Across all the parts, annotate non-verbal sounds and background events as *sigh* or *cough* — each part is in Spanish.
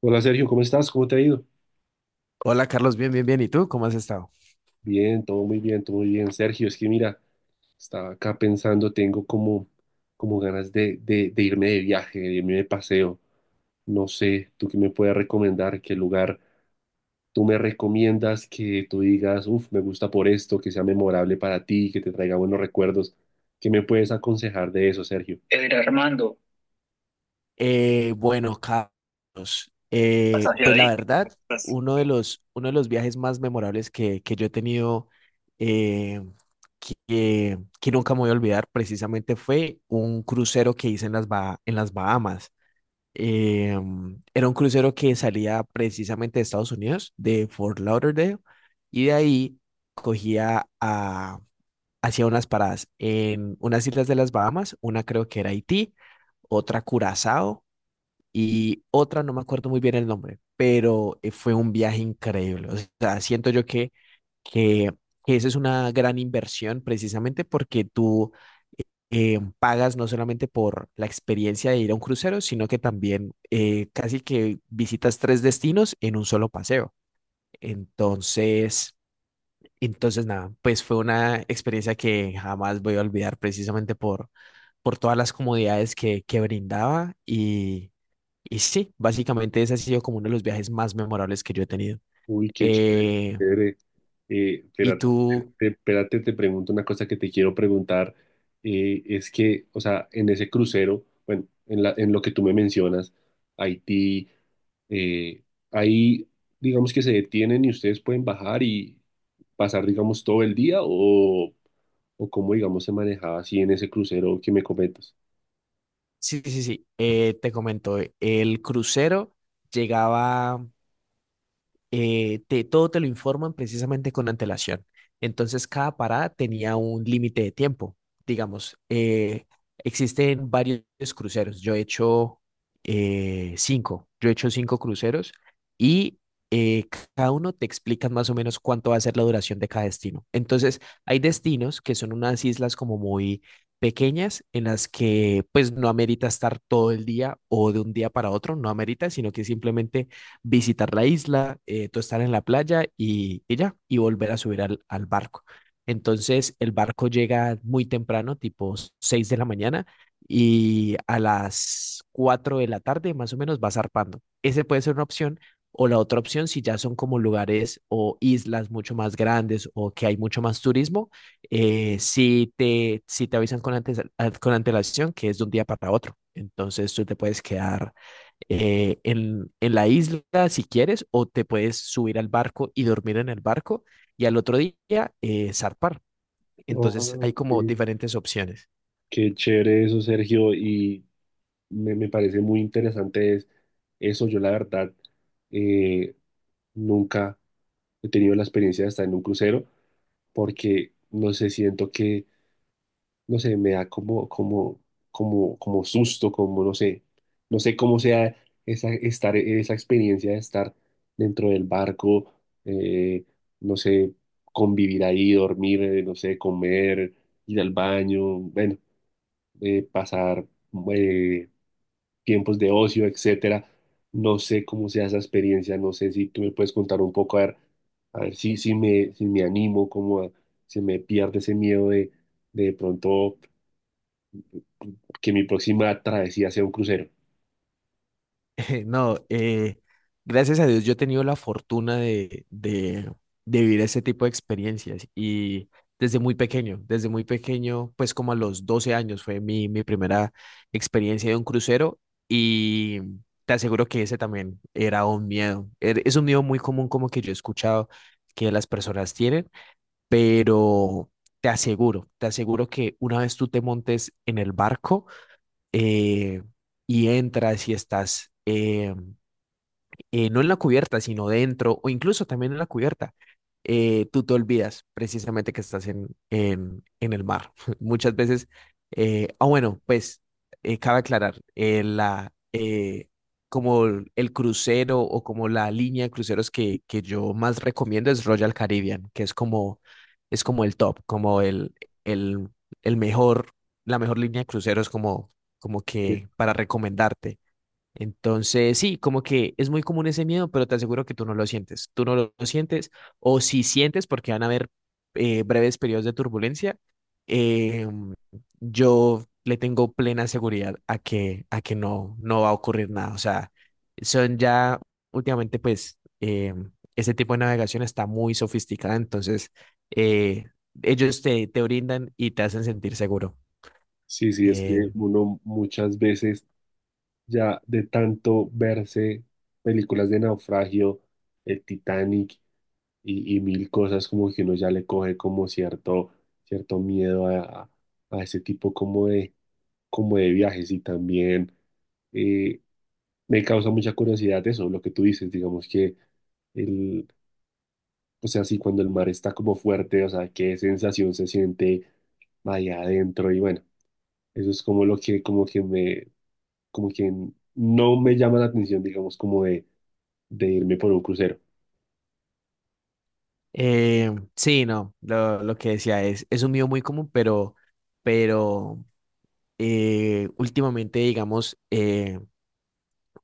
Hola Sergio, ¿cómo estás? ¿Cómo te ha ido? Hola Carlos, bien. ¿Y tú? ¿Cómo has estado? Bien, todo muy bien, todo muy bien. Sergio, es que mira, estaba acá pensando, tengo como, como ganas de irme de viaje, de irme de paseo. No sé, ¿tú qué me puedes recomendar? ¿Qué lugar tú me recomiendas que tú digas, uff, me gusta por esto, que sea memorable para ti, que te traiga buenos recuerdos? ¿Qué me puedes aconsejar de eso, Sergio? Mira, Armando, Bueno, Carlos, estás ansiado pues ahí, la verdad, estás. Uno de los viajes más memorables que yo he tenido, eh, que nunca me voy a olvidar, precisamente fue un crucero que hice en en las Bahamas. Eh, Era un crucero que salía precisamente de Estados Unidos, de Fort Lauderdale, y de ahí cogía, hacía unas paradas en unas islas de las Bahamas, una creo que era Haití, otra Curazao y otra no me acuerdo muy bien el nombre, pero fue un viaje increíble. O sea, siento yo que, que esa es una gran inversión precisamente porque tú pagas no solamente por la experiencia de ir a un crucero, sino que también casi que visitas tres destinos en un solo paseo. Entonces... Entonces, nada, pues fue una experiencia que jamás voy a olvidar precisamente por todas las comodidades que brindaba y sí, básicamente ese ha sido como uno de los viajes más memorables que yo he tenido. Uy, qué chévere, Eh, chévere. Y Espérate, tú, espérate, te pregunto una cosa que te quiero preguntar. Es que, o sea, en ese crucero, bueno, en la, en lo que tú me mencionas, Haití, eh, ahí, digamos que se detienen y ustedes pueden bajar y pasar, digamos, todo el día o cómo, digamos, se manejaba así en ese crucero que me comentas. sí, sí, sí, te comento, el crucero llegaba, todo te lo informan precisamente con antelación. Entonces, cada parada tenía un límite de tiempo. Digamos, existen varios cruceros. Yo he hecho cinco. Yo he hecho cinco cruceros y eh, cada uno te explica más o menos cuánto va a ser la duración de cada destino. Entonces, hay destinos que son unas islas como muy pequeñas en las que pues no amerita estar todo el día o de un día para otro, no amerita, sino que simplemente visitar la isla, tú estar en la playa y ya, y volver a subir al barco. Entonces el barco llega muy temprano, tipo 6 de la mañana, y a las 4 de la tarde más o menos va zarpando. Ese puede ser una opción. O la otra opción, si ya son como lugares o islas mucho más grandes o que hay mucho más turismo, si te avisan con, antes, ah, con antelación que es de un día para otro. Entonces tú te puedes quedar en la isla si quieres, o te puedes subir al barco y dormir en el barco y al otro día zarpar. Ah, Entonces hay como ok. diferentes opciones. Qué chévere eso, Sergio. Y me parece muy interesante es eso. Yo la verdad eh, nunca he tenido la experiencia de estar en un crucero porque no sé, siento que, no sé, me da como, como, como, como susto, como no sé, no sé cómo sea esa, estar, esa experiencia de estar dentro del barco, eh, no sé, convivir ahí, dormir, no sé, comer, ir al baño, bueno, pasar... eh, tiempos de ocio, etcétera. No sé cómo sea esa experiencia, no sé si tú me puedes contar un poco, a ver si, si me, si me animo, se me pierde ese miedo de pronto que mi próxima travesía sea un crucero. *laughs* No, gracias a Dios yo he tenido la fortuna de vivir ese tipo de experiencias y desde muy pequeño, pues como a los 12 años fue mi primera experiencia de un crucero y te aseguro que ese también era un miedo. Es un miedo muy común como que yo he escuchado que las personas tienen, pero te aseguro que una vez tú te montes en el barco, eh, y entras y estás no en la cubierta, sino dentro o incluso también en la cubierta, tú te olvidas precisamente que estás en el mar. *laughs* Muchas veces, bueno, pues cabe aclarar, como el crucero o como la línea de cruceros que yo más recomiendo es Royal Caribbean, que es como el top, como el, el mejor, la mejor línea de cruceros como, como Que- que para recomendarte. Entonces, sí, como que es muy común ese miedo, pero te aseguro que tú no lo sientes. Tú no lo sientes, o si sientes, porque van a haber breves periodos de turbulencia, eh, yo le tengo plena seguridad a a que no, no va a ocurrir nada. O sea, son ya últimamente, pues, ese tipo de navegación está muy sofisticada, entonces eh, ellos te brindan y te hacen sentir seguro. Sí, sí, es Eh, que uno muchas veces ya de tanto verse películas de naufragio, el Titanic y mil cosas, como que uno ya le coge como cierto, cierto miedo a ese tipo como de viajes y también eh, me causa mucha curiosidad eso, lo que tú dices, digamos que el, o sea, sí, cuando el mar está como fuerte, o sea, qué sensación se siente allá adentro y bueno, eso es como lo que, como que me, como que no me llama la atención, digamos, como de irme por un crucero. Sí, no, lo que decía es un miedo muy común, pero últimamente, digamos,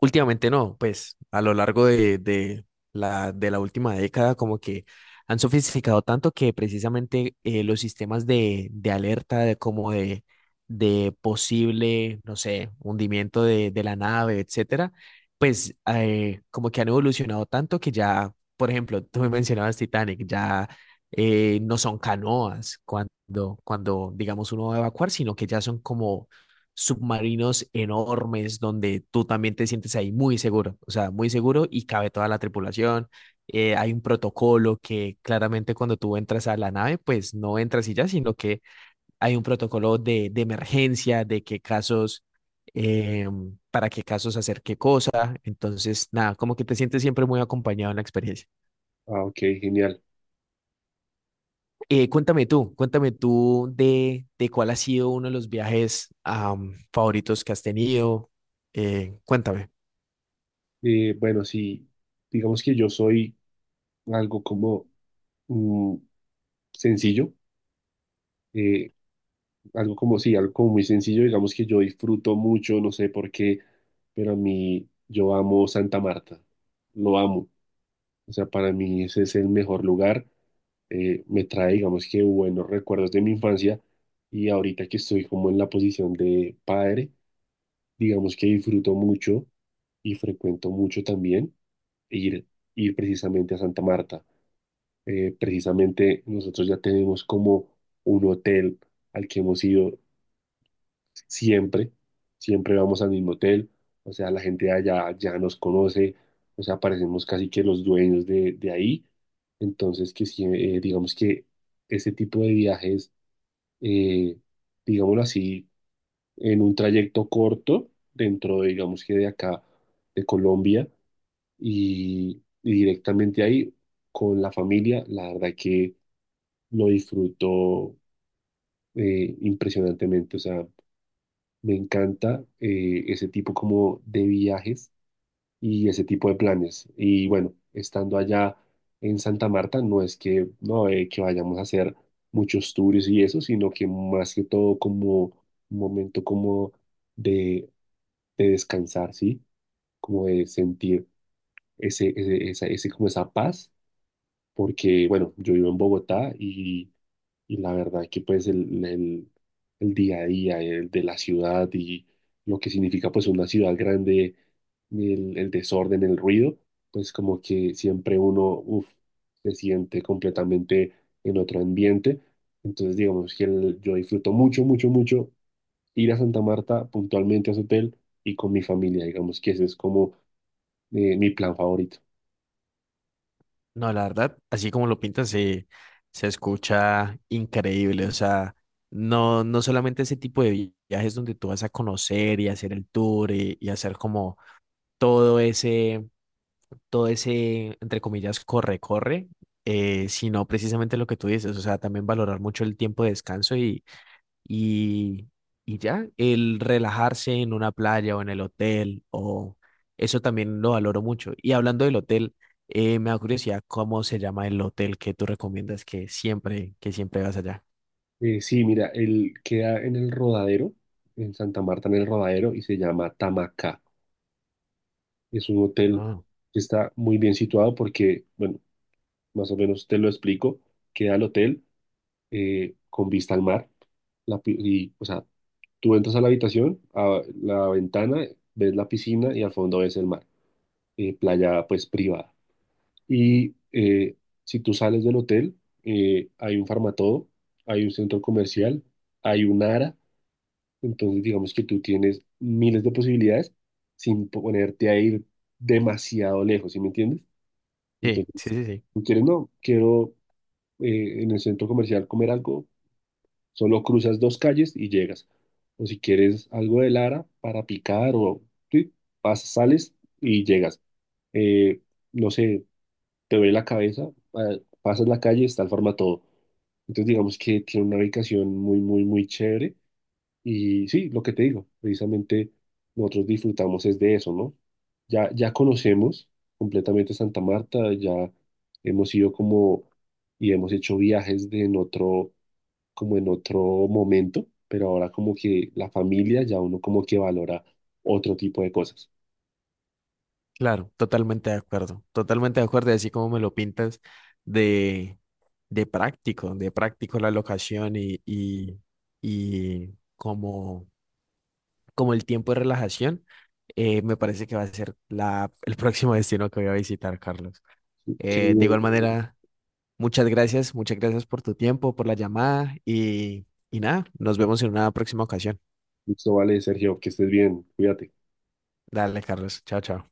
últimamente no, pues a lo largo de de la última década como que han sofisticado tanto que precisamente los sistemas de alerta de como de posible, no sé, hundimiento de la nave, etcétera, pues como que han evolucionado tanto que ya, por ejemplo, tú me mencionabas Titanic, ya no son canoas cuando digamos uno va a evacuar, sino que ya son como submarinos enormes donde tú también te sientes ahí muy seguro, o sea, muy seguro y cabe toda la tripulación. Hay un protocolo que claramente cuando tú entras a la nave, pues no entras y ya, sino que hay un protocolo de emergencia, de qué casos, eh, para qué casos hacer qué cosa. Entonces, nada, como que te sientes siempre muy acompañado en la experiencia. Ah, ok, genial. Cuéntame tú, cuéntame tú de cuál ha sido uno de los viajes favoritos que has tenido. Cuéntame. Bueno, sí, digamos que yo soy algo como mm, sencillo. Eh, algo como sí, algo como muy sencillo, digamos que yo disfruto mucho, no sé por qué, pero a mí yo amo Santa Marta, lo amo. O sea, para mí ese es el mejor lugar, me trae, digamos que buenos recuerdos de mi infancia y ahorita que estoy como en la posición de padre, digamos que disfruto mucho y frecuento mucho también ir, ir precisamente a Santa Marta. Precisamente nosotros ya tenemos como un hotel al que hemos ido siempre, siempre vamos al mismo hotel, o sea, la gente de allá ya nos conoce, o sea, parecemos casi que los dueños de ahí, entonces que sí, digamos que ese tipo de viajes, eh, digámoslo así, en un trayecto corto, dentro de, digamos que de acá, de Colombia, y directamente ahí con la familia, la verdad que lo disfruto impresionantemente, o sea, me encanta ese tipo como de viajes y ese tipo de planes. Y bueno, estando allá en Santa Marta, no es que, no, que vayamos a hacer muchos tours y eso, sino que más que todo como un momento como de, de descansar, ¿sí? Como de sentir ese, ese, esa, ese, como esa paz porque, bueno, yo vivo en Bogotá y la verdad que pues el, el día a día el de la ciudad y lo que significa pues una ciudad grande, el desorden, el ruido, pues como que siempre uno uf, se siente completamente en otro ambiente. Entonces digamos que yo disfruto mucho, mucho, mucho ir a Santa Marta puntualmente a su hotel y con mi familia, digamos que ese es como mi plan favorito. No, la verdad, así como lo pintas, se escucha increíble. O sea, no, no solamente ese tipo de viajes donde tú vas a conocer y hacer el tour y hacer como todo ese, todo ese, entre comillas, corre, corre, sino precisamente lo que tú dices. O sea, también valorar mucho el tiempo de descanso y, y ya, el relajarse en una playa o en el hotel, o eso también lo valoro mucho. Y hablando del hotel, me da curiosidad cómo se llama el hotel que tú recomiendas que siempre vas allá. Sí, mira, él queda en el Rodadero, en Santa Marta, en el Rodadero, y se llama Tamacá. Es un hotel Ah, que está muy bien situado porque, bueno, más o menos te lo explico. Queda el hotel con vista al mar. La, y, o sea, tú entras a la habitación, a la ventana, ves la piscina y al fondo ves el mar. Playa, pues, privada. Y si tú sales del hotel, hay un farmatodo, hay un centro comercial, hay un ARA. Entonces, digamos que tú tienes miles de posibilidades sin ponerte a ir demasiado lejos, ¿sí me entiendes? sí, sí, Entonces, sí, sí. tú quieres, no, quiero en el centro comercial comer algo, solo cruzas dos calles y llegas. O si quieres algo de Lara para picar o sí, pasas, sales y llegas. Eh, no sé, te duele la cabeza, pasas la calle, está el todo. Entonces, digamos que tiene una ubicación muy, muy, muy chévere y sí, lo que te digo, precisamente nosotros disfrutamos es de eso, ¿no? Ya, ya conocemos completamente Santa Marta, ya hemos ido como y hemos hecho viajes de en otro, como en otro momento, pero ahora como que la familia ya uno como que valora otro tipo de cosas. Claro, totalmente de acuerdo, y así como me lo pintas de, de práctico la locación y y como como el tiempo de relajación, me parece que va a ser el *laughs* próximo destino que voy a visitar, Carlos. Qué De bien, igual qué bien. manera, muchas gracias por tu tiempo, por la llamada y nada, nos vemos en una próxima ocasión. Listo, vale, Sergio, que estés bien, cuídate. Dale, Carlos. Chao, chao.